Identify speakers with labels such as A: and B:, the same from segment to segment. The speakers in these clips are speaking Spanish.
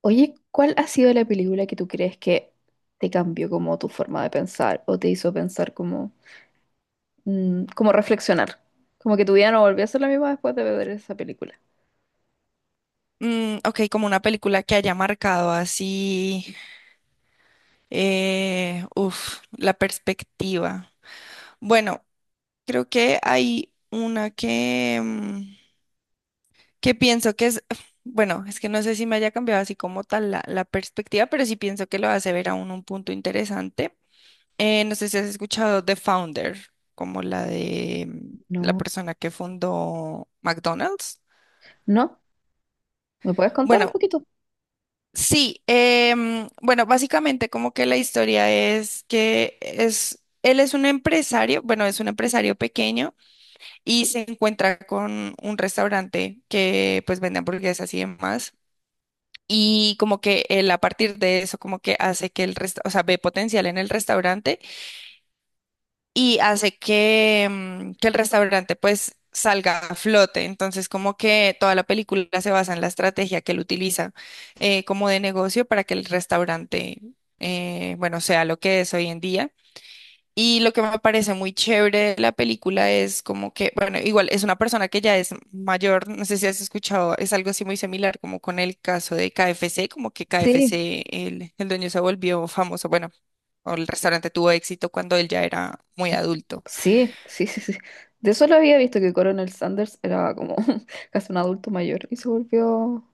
A: Oye, ¿cuál ha sido la película que tú crees que te cambió como tu forma de pensar o te hizo pensar como, como reflexionar? Como que tu vida no volvió a ser la misma después de ver esa película.
B: Ok, como una película que haya marcado así, la perspectiva. Bueno, creo que hay una que, que pienso que es, bueno, es que no sé si me haya cambiado así como tal la perspectiva, pero sí pienso que lo hace ver a uno un punto interesante. No sé si has escuchado The Founder, como la de la
A: No,
B: persona que fundó McDonald's.
A: no, ¿me puedes contar un Bueno,
B: Bueno,
A: poquito?
B: sí, bueno, básicamente como que la historia es él es un empresario, bueno, es un empresario pequeño y se encuentra con un restaurante que pues vende hamburguesas y demás. Y como que él a partir de eso como que hace que o sea, ve potencial en el restaurante y hace que, que el restaurante pues salga a flote. Entonces, como que toda la película se basa en la estrategia que él utiliza, como de negocio para que el restaurante, bueno, sea lo que es hoy en día. Y lo que me parece muy chévere de la película es como que, bueno, igual es una persona que ya es mayor, no sé si has escuchado, es algo así muy similar como con el caso de KFC, como que
A: Sí,
B: KFC, el dueño se volvió famoso, bueno, o el restaurante tuvo éxito cuando él ya era muy adulto.
A: sí, sí, sí, sí. De eso lo había visto que Coronel Sanders era como casi un adulto mayor y se volvió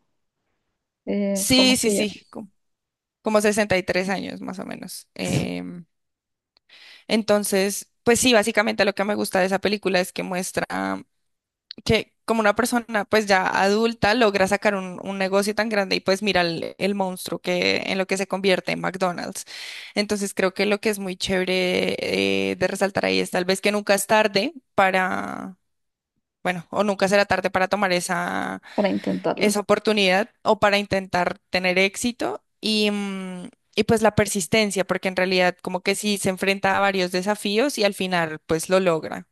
B: Sí, sí,
A: famosilla
B: sí, como 63 años más o menos.
A: sí.
B: Entonces, pues sí, básicamente lo que me gusta de esa película es que muestra que como una persona pues ya adulta logra sacar un negocio tan grande y pues mira el monstruo que en lo que se convierte en McDonald's. Entonces creo que lo que es muy chévere, de resaltar ahí es tal vez que nunca es tarde para, bueno, o nunca será tarde para tomar esa,
A: Para intentarlo.
B: esa oportunidad o para intentar tener éxito y, y pues la persistencia, porque en realidad como que sí se enfrenta a varios desafíos y al final pues lo logra.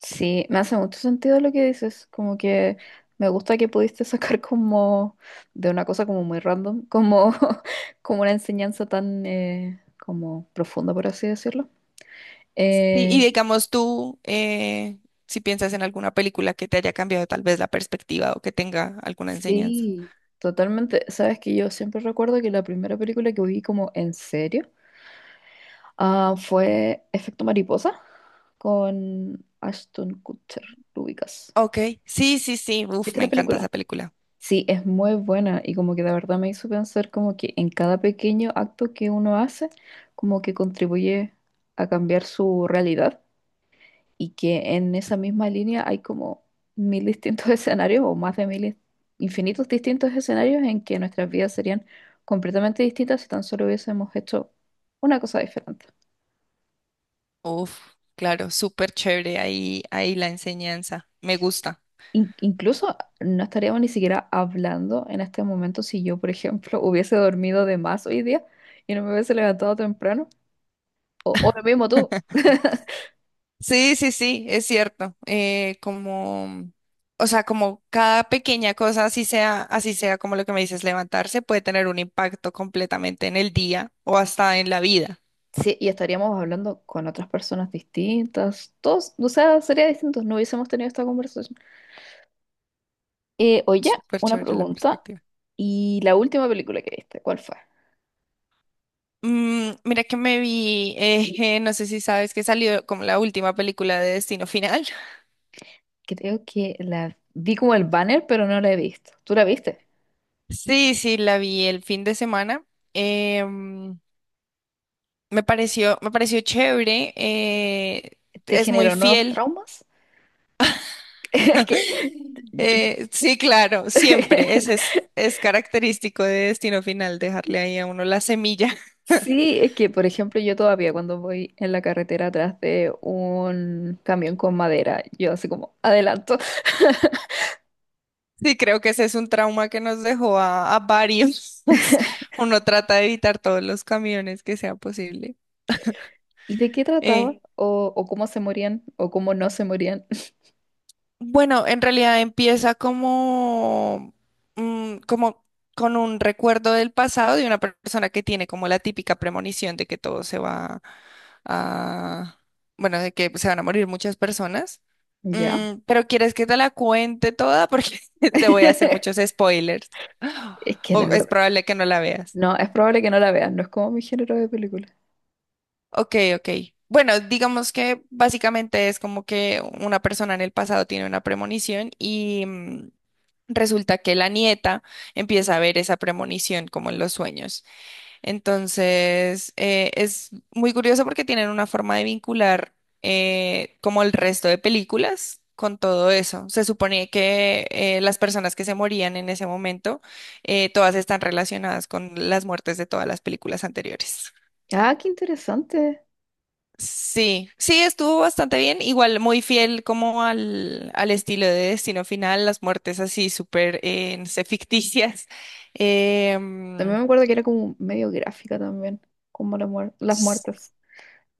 A: Sí, me hace mucho sentido lo que dices, como que me gusta que pudiste sacar como de una cosa como muy random, como, como una enseñanza tan como profunda, por así decirlo.
B: Sí, y
A: Eh,
B: digamos tú, si piensas en alguna película que te haya cambiado tal vez la perspectiva o que tenga alguna enseñanza.
A: sí, totalmente. Sabes que yo siempre recuerdo que la primera película que vi como en serio fue Efecto Mariposa con Ashton Kutcher, ¿lo ubicas?
B: Ok, sí, sí, sí, uf,
A: ¿Viste
B: me
A: la
B: encanta esa
A: película?
B: película.
A: Sí, es muy buena y como que de verdad me hizo pensar como que en cada pequeño acto que uno hace, como que contribuye a cambiar su realidad y que en esa misma línea hay como mil distintos escenarios o más de mil, infinitos distintos escenarios en que nuestras vidas serían completamente distintas si tan solo hubiésemos hecho una cosa diferente.
B: Uf, claro, súper chévere ahí, ahí la enseñanza, me gusta.
A: Incluso no estaríamos ni siquiera hablando en este momento si yo, por ejemplo, hubiese dormido de más hoy día y no me hubiese levantado temprano. O lo mismo tú.
B: Sí, sí, sí, es cierto. O sea, como cada pequeña cosa, así sea como lo que me dices, levantarse, puede tener un impacto completamente en el día o hasta en la vida.
A: Sí, y estaríamos hablando con otras personas distintas. Todos, o sea, sería distinto. No hubiésemos tenido esta conversación. Oye,
B: Súper
A: una
B: chévere la
A: pregunta.
B: perspectiva.
A: ¿Y la última película que viste? ¿Cuál fue?
B: Mira que me vi, no sé si sabes que salió como la última película de Destino Final.
A: Creo que la vi como el banner, pero no la he visto. ¿Tú la viste?
B: Sí, sí, la vi el fin de semana. Em, me pareció chévere.
A: ¿Te
B: Es muy
A: generó nuevos
B: fiel.
A: traumas? Es que...
B: Sí, claro, siempre. Es característico de Destino Final, dejarle ahí a uno la semilla.
A: Sí, es que, por ejemplo, yo todavía cuando voy en la carretera atrás de un camión con madera, yo así como adelanto.
B: Sí, creo que ese es un trauma que nos dejó a varios. Uno trata de evitar todos los camiones que sea posible.
A: ¿Y de qué
B: Eh,
A: trataba? O cómo se morían? ¿O cómo no se morían?
B: Bueno, en realidad empieza como, como con un recuerdo del pasado de una persona que tiene como la típica premonición de que todo se va a, bueno, de que se van a morir muchas personas.
A: ¿Ya?
B: Pero ¿quieres que te la cuente toda? Porque te voy a hacer muchos spoilers.
A: Es que la
B: O es
A: verdad.
B: probable que no la veas.
A: No, es probable que no la veas, no es como mi género de película.
B: Ok, ok. Bueno, digamos que básicamente es como que una persona en el pasado tiene una premonición y, resulta que la nieta empieza a ver esa premonición como en los sueños. Entonces, es muy curioso porque tienen una forma de vincular, como el resto de películas con todo eso. Se supone que las personas que se morían en ese momento, todas están relacionadas con las muertes de todas las películas anteriores.
A: Ah, qué interesante.
B: Sí, sí, estuvo bastante bien, igual muy fiel como al estilo de Destino Final, las muertes así súper, no sé, ficticias. Em,
A: También me acuerdo que era como medio gráfica también, como las
B: s-
A: muertes.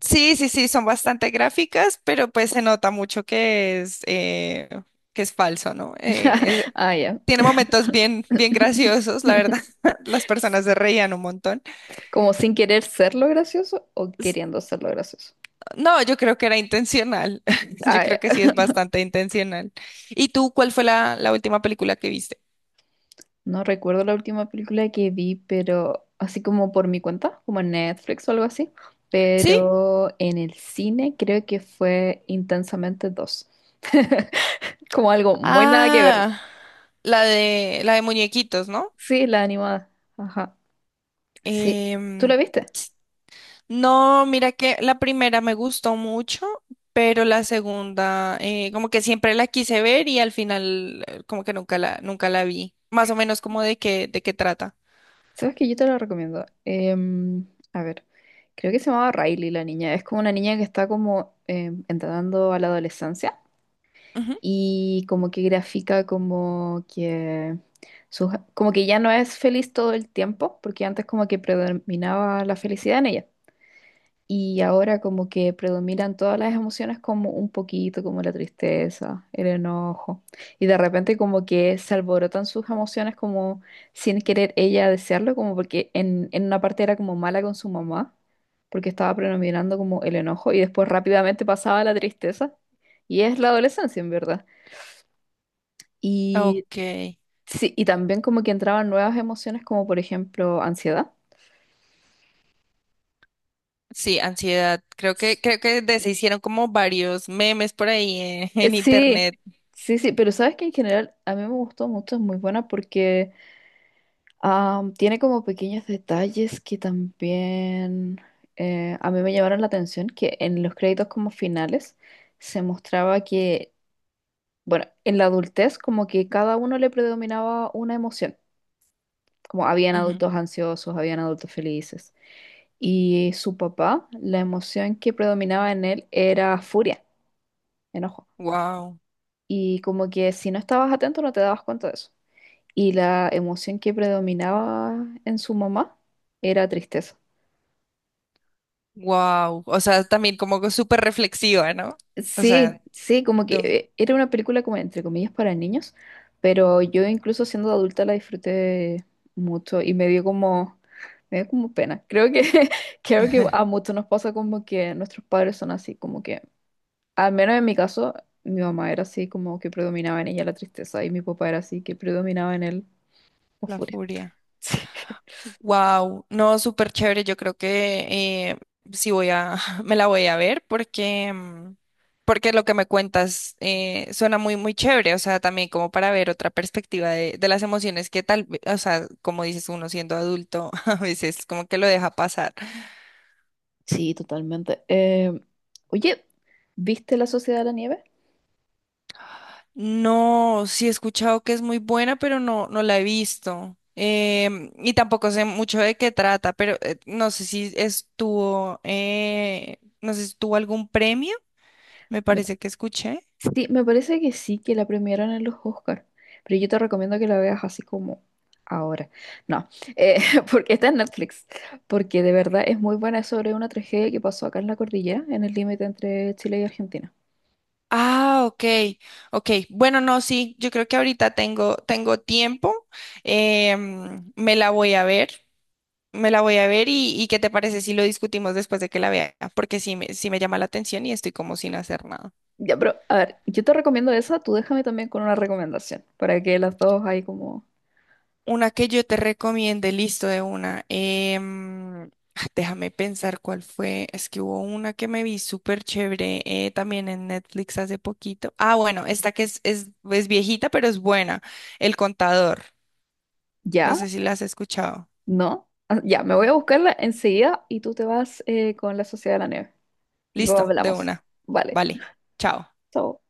B: sí, sí, sí, son bastante gráficas, pero pues se nota mucho que es falso, ¿no?
A: Ah, ya.
B: Tiene momentos bien, bien graciosos, la verdad, las personas se reían un montón.
A: Como sin querer ser lo gracioso o queriendo ser lo gracioso.
B: No, yo creo que era intencional. Yo
A: Ah, ya.
B: creo que sí es bastante intencional. ¿Y tú cuál fue la última película que viste?
A: No recuerdo la última película que vi, pero así como por mi cuenta, como en Netflix o algo así,
B: ¿Sí?
A: pero en el cine creo que fue Intensamente dos. Como algo muy nada que ver.
B: Ah, la de muñequitos, ¿no?
A: Sí, la animada. Ajá. Sí. ¿Tú
B: Em,
A: la viste?
B: no, mira que la primera me gustó mucho, pero la segunda, como que siempre la quise ver y al final como que nunca la vi. Más o menos como de qué trata.
A: Sabes que yo te la recomiendo. A ver, creo que se llamaba Riley la niña. Es como una niña que está como entrando a la adolescencia.
B: Ujú.
A: Y como que grafica como que como que ya no es feliz todo el tiempo, porque antes como que predominaba la felicidad en ella. Y ahora como que predominan todas las emociones como un poquito, como la tristeza, el enojo. Y de repente como que se alborotan sus emociones como sin querer ella desearlo, como porque en una parte era como mala con su mamá, porque estaba predominando como el enojo y después rápidamente pasaba a la tristeza. Y es la adolescencia, en verdad. Y
B: Ok.
A: sí, y también como que entraban nuevas emociones, como por ejemplo ansiedad.
B: Sí, ansiedad. Creo creo que de se hicieron como varios memes por ahí en, en
A: Sí,
B: internet.
A: sí, sí, pero sabes que en general a mí me gustó mucho, es muy buena porque tiene como pequeños detalles que también a mí me llamaron la atención, que en los créditos como finales se mostraba que, bueno, en la adultez como que cada uno le predominaba una emoción, como habían adultos ansiosos, habían adultos felices. Y su papá, la emoción que predominaba en él era furia, enojo.
B: Wow,
A: Y como que si no estabas atento no te dabas cuenta de eso. Y la emoción que predominaba en su mamá era tristeza.
B: wow. O sea, también como que súper reflexiva, ¿no? O
A: Sí,
B: sea,
A: sí, como que
B: de un...
A: era una película como entre comillas para niños, pero yo incluso siendo adulta la disfruté mucho y me dio como pena. Creo que, creo que a muchos nos pasa como que nuestros padres son así, como que al menos en mi caso, mi mamá era así como que predominaba en ella la tristeza y mi papá era así que predominaba en él la
B: La
A: furia.
B: furia.
A: Sí,
B: Wow, no, súper chévere. Yo creo que sí voy a, me la voy a ver porque, porque lo que me cuentas suena muy, muy chévere. O sea, también como para ver otra perspectiva de las emociones que tal, o sea, como dices uno siendo adulto, a veces como que lo deja pasar.
A: sí, totalmente. Oye, ¿viste La Sociedad de la Nieve?
B: No, sí he escuchado que es muy buena, pero no, no la he visto. Y tampoco sé mucho de qué trata, pero no sé si estuvo, no sé si tuvo algún premio. Me
A: Me-
B: parece que escuché.
A: Sí, me parece que sí, que la premiaron en los Oscar, pero yo te recomiendo que la veas así como ahora. No, eh, porque está en Netflix, porque de verdad es muy buena, es sobre una tragedia que pasó acá en la cordillera, en el límite entre Chile y Argentina.
B: Ah, ok, ok. Bueno, no, sí, yo creo que ahorita tengo tiempo. Me la voy a ver, me la voy a ver y ¿qué te parece si lo discutimos después de que la vea? Porque sí me llama la atención y estoy como sin hacer nada.
A: Ya, pero a ver, yo te recomiendo esa, tú déjame también con una recomendación para que las dos ahí como,
B: Una que yo te recomiende, listo de una. Déjame pensar cuál fue. Es que hubo una que me vi súper chévere, también en Netflix hace poquito. Ah, bueno, esta es viejita, pero es buena. El contador. No
A: ya,
B: sé si la has escuchado.
A: no, ah, ya, me voy a buscarla enseguida y tú te vas con la Sociedad de la Nieve y luego
B: Listo, de
A: hablamos.
B: una.
A: Vale,
B: Vale, chao.
A: chao.